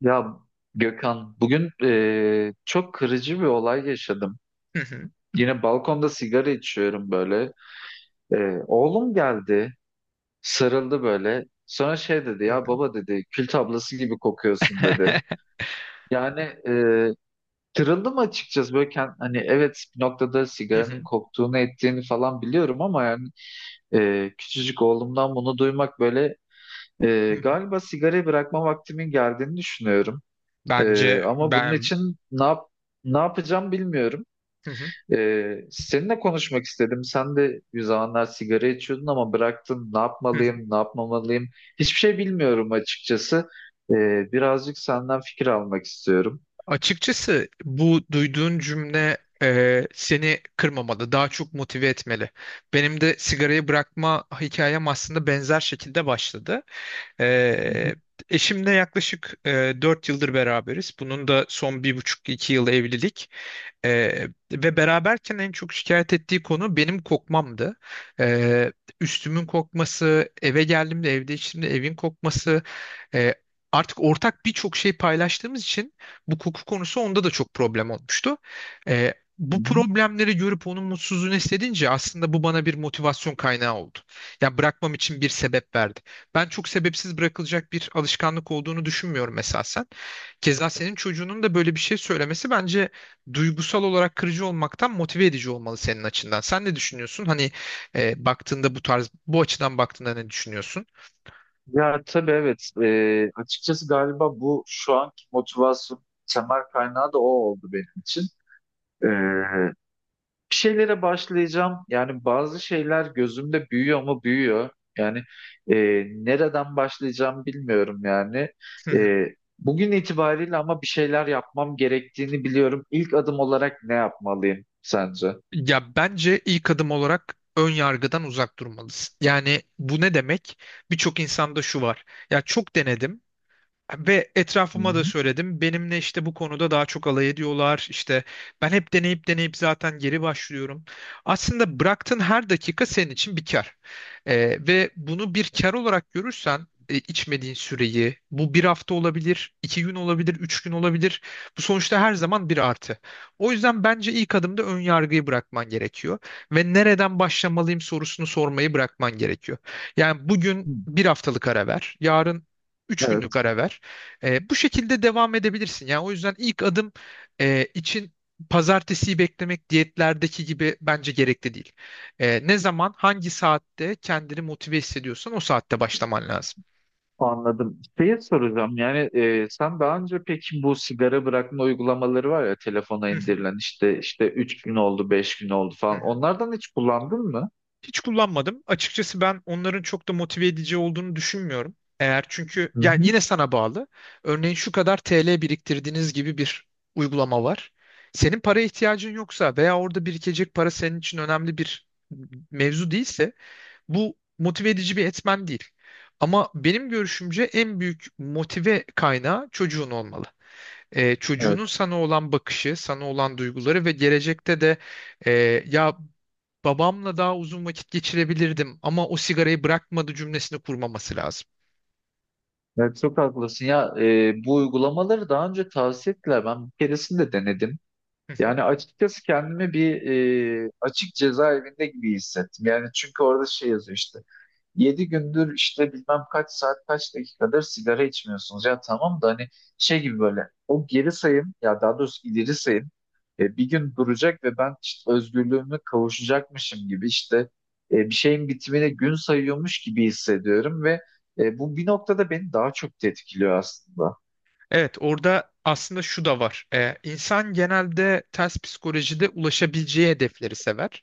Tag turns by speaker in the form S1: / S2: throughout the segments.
S1: Ya Gökhan, bugün çok kırıcı bir olay yaşadım.
S2: Hı hı,
S1: Yine balkonda sigara içiyorum böyle. Oğlum geldi, sarıldı böyle. Sonra şey dedi,
S2: hı
S1: ya
S2: hı,
S1: baba dedi, kül tablası gibi kokuyorsun dedi. Yani kırıldım açıkçası böyle hani evet bir noktada
S2: hı hı,
S1: sigaranın koktuğunu ettiğini falan biliyorum ama yani küçücük oğlumdan bunu duymak böyle
S2: hı hı.
S1: galiba sigarayı bırakma vaktimin geldiğini düşünüyorum. Ee,
S2: Bence
S1: ama bunun
S2: ben
S1: için ne yapacağım bilmiyorum.
S2: Hı hı,
S1: Seninle konuşmak istedim. Sen de bir zamanlar sigara içiyordun ama bıraktın. Ne
S2: hı hı.
S1: yapmalıyım, ne yapmamalıyım? Hiçbir şey bilmiyorum açıkçası. Birazcık senden fikir almak istiyorum.
S2: Açıkçası bu duyduğun cümle, seni kırmamalı, daha çok motive etmeli. Benim de sigarayı bırakma hikayem aslında benzer şekilde başladı.
S1: Hı hı,
S2: E, Eşimle yaklaşık 4 yıldır beraberiz. Bunun da son bir buçuk iki yıl evlilik. Ve beraberken en çok şikayet ettiği konu benim kokmamdı. Ee, Üstümün kokması, eve geldiğimde, evde içtiğimde evin kokması, e, artık ortak birçok şey paylaştığımız için bu koku konusu onda da çok problem olmuştu.
S1: hı
S2: Bu
S1: hı.
S2: problemleri görüp onun mutsuzluğunu hissedince aslında bu bana bir motivasyon kaynağı oldu. Yani bırakmam için bir sebep verdi. Ben çok sebepsiz bırakılacak bir alışkanlık olduğunu düşünmüyorum esasen. Keza senin çocuğunun da böyle bir şey söylemesi bence duygusal olarak kırıcı olmaktan motive edici olmalı senin açından. Sen ne düşünüyorsun? Hani baktığında bu tarz, bu açıdan baktığında ne düşünüyorsun?
S1: Ya tabii evet. Açıkçası galiba bu şu anki motivasyon temel kaynağı da o oldu benim için. Ee, bir şeylere başlayacağım. Yani bazı şeyler gözümde büyüyor mu büyüyor. Yani e, nereden başlayacağım bilmiyorum yani. E, bugün itibariyle ama bir şeyler yapmam gerektiğini biliyorum. İlk adım olarak ne yapmalıyım sence?
S2: Ya bence ilk adım olarak ön yargıdan uzak durmalısın. Yani bu ne demek? Birçok insanda şu var. Ya çok denedim. Ve
S1: Hı
S2: etrafıma da söyledim. Benimle işte bu konuda daha çok alay ediyorlar. İşte ben hep deneyip deneyip zaten geri başlıyorum. Aslında bıraktığın her dakika senin için bir kar. Ve bunu bir kar olarak görürsen, içmediğin süreyi, bu bir hafta olabilir, 2 gün olabilir, 3 gün olabilir. Bu sonuçta her zaman bir artı. O yüzden bence ilk adımda ön yargıyı bırakman gerekiyor. Ve nereden başlamalıyım sorusunu sormayı bırakman gerekiyor. Yani bugün
S1: hı.
S2: bir haftalık ara ver, yarın 3 günlük
S1: Evet,
S2: ara ver. Bu şekilde devam edebilirsin. Yani o yüzden ilk adım için pazartesiyi beklemek diyetlerdeki gibi bence gerekli değil. Ne zaman, hangi saatte kendini motive hissediyorsan o saatte başlaman lazım.
S1: anladım. Şeyi soracağım yani sen daha önce peki bu sigara bırakma uygulamaları var ya telefona
S2: Hı hı,
S1: indirilen işte 3 gün oldu 5 gün oldu
S2: hı
S1: falan
S2: hı.
S1: onlardan hiç kullandın mı?
S2: Hiç kullanmadım. Açıkçası ben onların çok da motive edici olduğunu düşünmüyorum. Eğer çünkü yani
S1: Hı
S2: yine sana bağlı. Örneğin şu kadar TL biriktirdiğiniz gibi bir uygulama var. Senin paraya ihtiyacın yoksa veya orada birikecek para senin için önemli bir mevzu değilse bu motive edici bir etmen değil. Ama benim görüşümce en büyük motive kaynağı çocuğun olmalı.
S1: hı.
S2: Çocuğunun sana olan bakışı, sana olan duyguları ve gelecekte de e, ya babamla daha uzun vakit geçirebilirdim ama o sigarayı bırakmadı cümlesini kurmaması lazım.
S1: Evet, çok haklısın ya bu uygulamaları daha önce tavsiye ettiler ben bir keresinde denedim. Yani açıkçası kendimi bir açık cezaevinde gibi hissettim. Yani çünkü orada şey yazıyor işte. 7 gündür işte bilmem kaç saat kaç dakikadır sigara içmiyorsunuz. Ya tamam da hani şey gibi böyle o geri sayım ya daha doğrusu ileri sayım bir gün duracak ve ben işte özgürlüğüme kavuşacakmışım gibi işte bir şeyin bitimine gün sayıyormuş gibi hissediyorum ve bu bir noktada beni daha çok tetkiliyor aslında.
S2: Evet, orada aslında şu da var. İnsan genelde ters psikolojide ulaşabileceği hedefleri sever.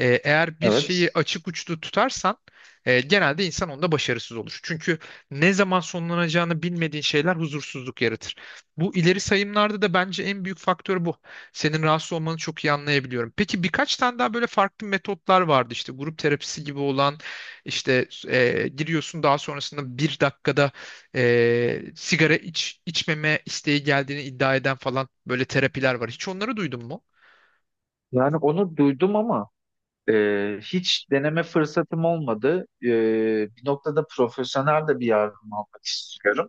S2: Eğer bir şeyi
S1: Evet.
S2: açık uçlu tutarsan genelde insan onda başarısız olur. Çünkü ne zaman sonlanacağını bilmediğin şeyler huzursuzluk yaratır. Bu ileri sayımlarda da bence en büyük faktör bu. Senin rahatsız olmanı çok iyi anlayabiliyorum. Peki birkaç tane daha böyle farklı metotlar vardı. İşte grup terapisi gibi olan işte giriyorsun, daha sonrasında bir dakikada sigara iç, içmeme isteği geldiğini iddia eden falan böyle terapiler var. Hiç onları duydun mu?
S1: Yani onu duydum ama hiç deneme fırsatım olmadı. Bir noktada profesyonel de bir yardım almak istiyorum.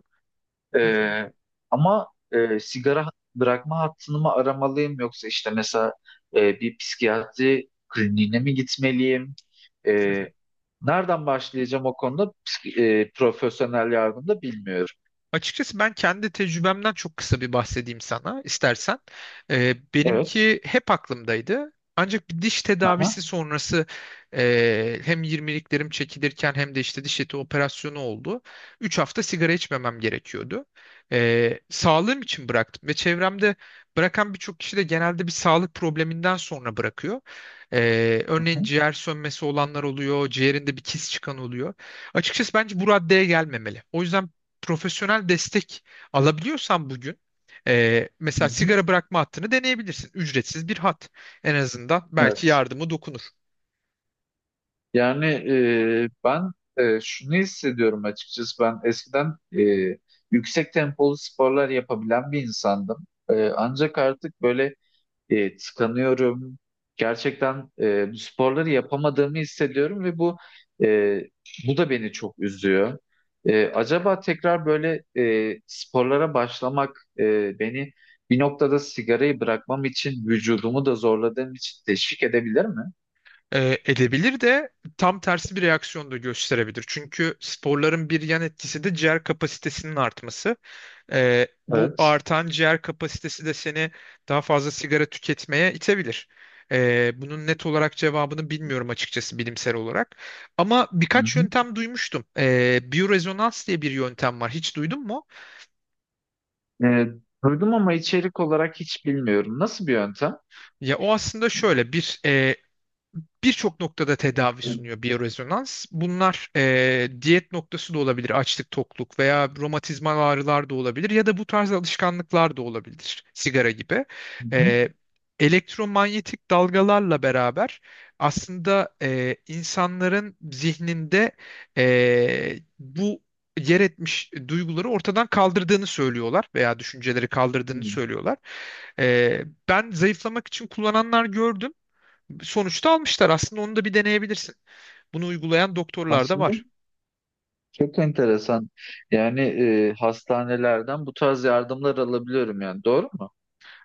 S1: Ee, ama sigara bırakma hattını mı aramalıyım yoksa işte mesela bir psikiyatri kliniğine mi gitmeliyim? E, nereden başlayacağım o konuda profesyonel yardım da bilmiyorum.
S2: Açıkçası ben kendi tecrübemden çok kısa bir bahsedeyim sana istersen.
S1: Evet.
S2: Benimki hep aklımdaydı. Ancak bir diş tedavisi
S1: Aha.
S2: sonrası hem 20'liklerim çekilirken hem de işte diş eti operasyonu oldu. 3 hafta sigara içmemem gerekiyordu. Sağlığım için bıraktım ve çevremde bırakan birçok kişi de genelde bir sağlık probleminden sonra bırakıyor.
S1: Aha.
S2: Örneğin ciğer sönmesi olanlar oluyor, ciğerinde bir kis çıkan oluyor. Açıkçası bence bu raddeye gelmemeli. O yüzden profesyonel destek alabiliyorsan bugün
S1: Hı
S2: mesela
S1: hı.
S2: sigara bırakma hattını deneyebilirsin. Ücretsiz bir hat. En azından belki
S1: Evet.
S2: yardımı dokunur.
S1: Yani ben şunu hissediyorum açıkçası ben eskiden yüksek tempolu sporlar yapabilen bir insandım. Ancak artık böyle tıkanıyorum. Gerçekten bu sporları yapamadığımı hissediyorum ve e, bu da beni çok üzüyor. Acaba tekrar böyle sporlara başlamak beni bir noktada sigarayı bırakmam için vücudumu da zorladığım için teşvik edebilir mi?
S2: Edebilir de tam tersi bir reaksiyon da gösterebilir. Çünkü sporların bir yan etkisi de ciğer kapasitesinin artması. Bu
S1: Evet.
S2: artan ciğer kapasitesi de seni daha fazla sigara tüketmeye itebilir. Bunun net olarak cevabını bilmiyorum açıkçası bilimsel olarak. Ama
S1: Hı
S2: birkaç
S1: hı.
S2: yöntem duymuştum. Biyorezonans diye bir yöntem var. Hiç duydun mu?
S1: E, duydum ama içerik olarak hiç bilmiyorum. Nasıl bir yöntem?
S2: Ya o aslında şöyle bir birçok noktada tedavi
S1: Hı
S2: sunuyor biyorezonans. Bunlar diyet noktası da olabilir, açlık, tokluk veya romatizmal ağrılar da olabilir ya da bu tarz alışkanlıklar da olabilir, sigara gibi.
S1: hı.
S2: E, Elektromanyetik dalgalarla beraber aslında insanların zihninde bu yer etmiş duyguları ortadan kaldırdığını söylüyorlar veya düşünceleri kaldırdığını
S1: Hı.
S2: söylüyorlar. E, Ben zayıflamak için kullananlar gördüm, sonuçta almışlar. Aslında onu da bir deneyebilirsin. Bunu uygulayan doktorlar da
S1: Nasıl?
S2: var.
S1: Çok enteresan. Yani hastanelerden bu tarz yardımlar alabiliyorum yani. Doğru mu?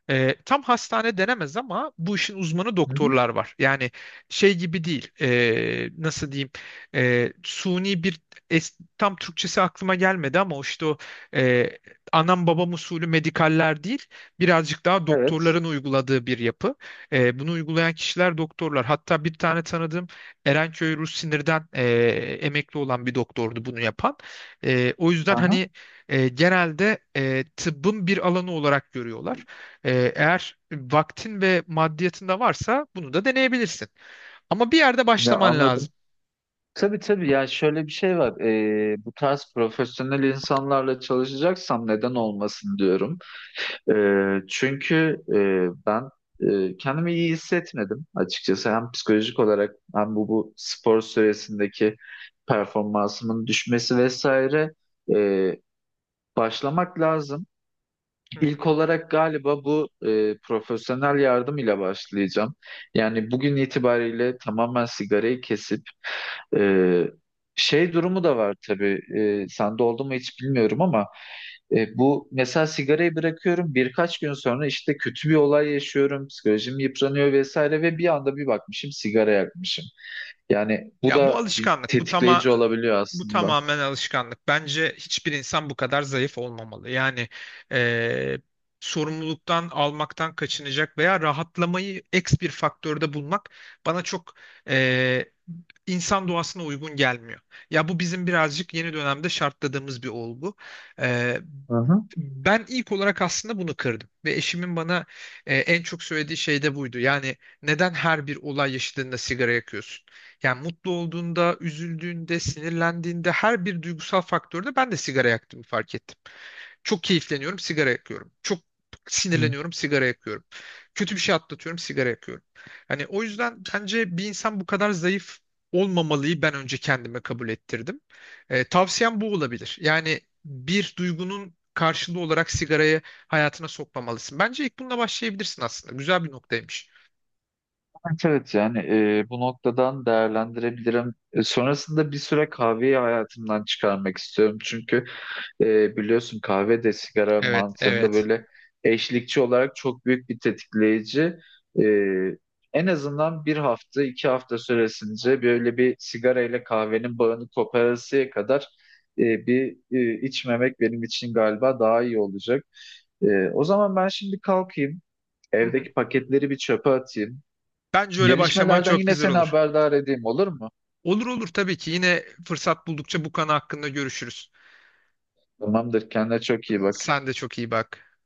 S2: Tam hastane denemez ama bu işin uzmanı
S1: Hı hı.
S2: doktorlar var. Yani şey gibi değil. Nasıl diyeyim? Suni bir tam Türkçesi aklıma gelmedi ama o işte o e, anam babam usulü medikaller değil. Birazcık daha
S1: Evet.
S2: doktorların uyguladığı bir yapı. Bunu uygulayan kişiler doktorlar. Hatta bir tane tanıdığım Erenköy Rus Sinir'den emekli olan bir doktordu bunu yapan. O yüzden
S1: Aha.
S2: hani genelde tıbbın bir alanı olarak görüyorlar. Eğer vaktin ve maddiyatında varsa bunu da deneyebilirsin. Ama bir yerde
S1: Ya
S2: başlaman lazım.
S1: anladım. Tabii tabii ya şöyle bir şey var. Bu tarz profesyonel insanlarla çalışacaksam neden olmasın diyorum. Çünkü ben kendimi iyi hissetmedim açıkçası. Hem psikolojik olarak hem bu spor süresindeki performansımın düşmesi vesaire. Ee, başlamak lazım. İlk olarak galiba bu profesyonel yardım ile başlayacağım. Yani bugün itibariyle tamamen sigarayı kesip e, şey durumu da var tabii. Sende oldu mu hiç bilmiyorum ama bu mesela sigarayı bırakıyorum birkaç gün sonra işte kötü bir olay yaşıyorum, psikolojim yıpranıyor vesaire ve bir anda bir bakmışım sigara yakmışım. Yani bu
S2: Ya bu
S1: da bir
S2: alışkanlık,
S1: tetikleyici olabiliyor
S2: bu
S1: aslında.
S2: tamamen alışkanlık. Bence hiçbir insan bu kadar zayıf olmamalı. Yani eee, sorumluluktan almaktan kaçınacak veya rahatlamayı eks bir faktörde bulmak bana çok eee, insan doğasına uygun gelmiyor. Ya bu bizim birazcık yeni dönemde şartladığımız bir olgu. Eee,
S1: Hı hı.
S2: Ben ilk olarak aslında bunu kırdım ve eşimin bana en çok söylediği şey de buydu. Yani neden her bir olay yaşadığında sigara yakıyorsun? Yani mutlu olduğunda, üzüldüğünde, sinirlendiğinde her bir duygusal faktörde ben de sigara yaktığımı fark ettim. Çok keyifleniyorum, sigara yakıyorum. Çok sinirleniyorum, sigara yakıyorum. Kötü bir şey atlatıyorum, sigara yakıyorum. Hani o yüzden bence bir insan bu kadar zayıf olmamalıyı ben önce kendime kabul ettirdim. Tavsiyem bu olabilir. Yani bir duygunun karşılığı olarak sigarayı hayatına sokmamalısın. Bence ilk bununla başlayabilirsin aslında. Güzel bir noktaymış.
S1: Evet evet yani bu noktadan değerlendirebilirim. Sonrasında bir süre kahveyi hayatımdan çıkarmak istiyorum. Çünkü biliyorsun kahve de sigara
S2: Evet,
S1: mantığında
S2: evet.
S1: böyle eşlikçi olarak çok büyük bir tetikleyici. E, en azından bir hafta 2 hafta süresince böyle bir sigara ile kahvenin bağını koparasıya kadar bir içmemek benim için galiba daha iyi olacak. E, o zaman ben şimdi kalkayım.
S2: Hı hı.
S1: Evdeki paketleri bir çöpe atayım.
S2: Bence öyle başlaman
S1: Gelişmelerden
S2: çok
S1: yine
S2: güzel
S1: seni
S2: olur.
S1: haberdar edeyim olur mu?
S2: Olur olur, tabii ki. Yine fırsat buldukça bu konu hakkında görüşürüz.
S1: Tamamdır. Kendine çok iyi bak.
S2: Sen de çok iyi bak.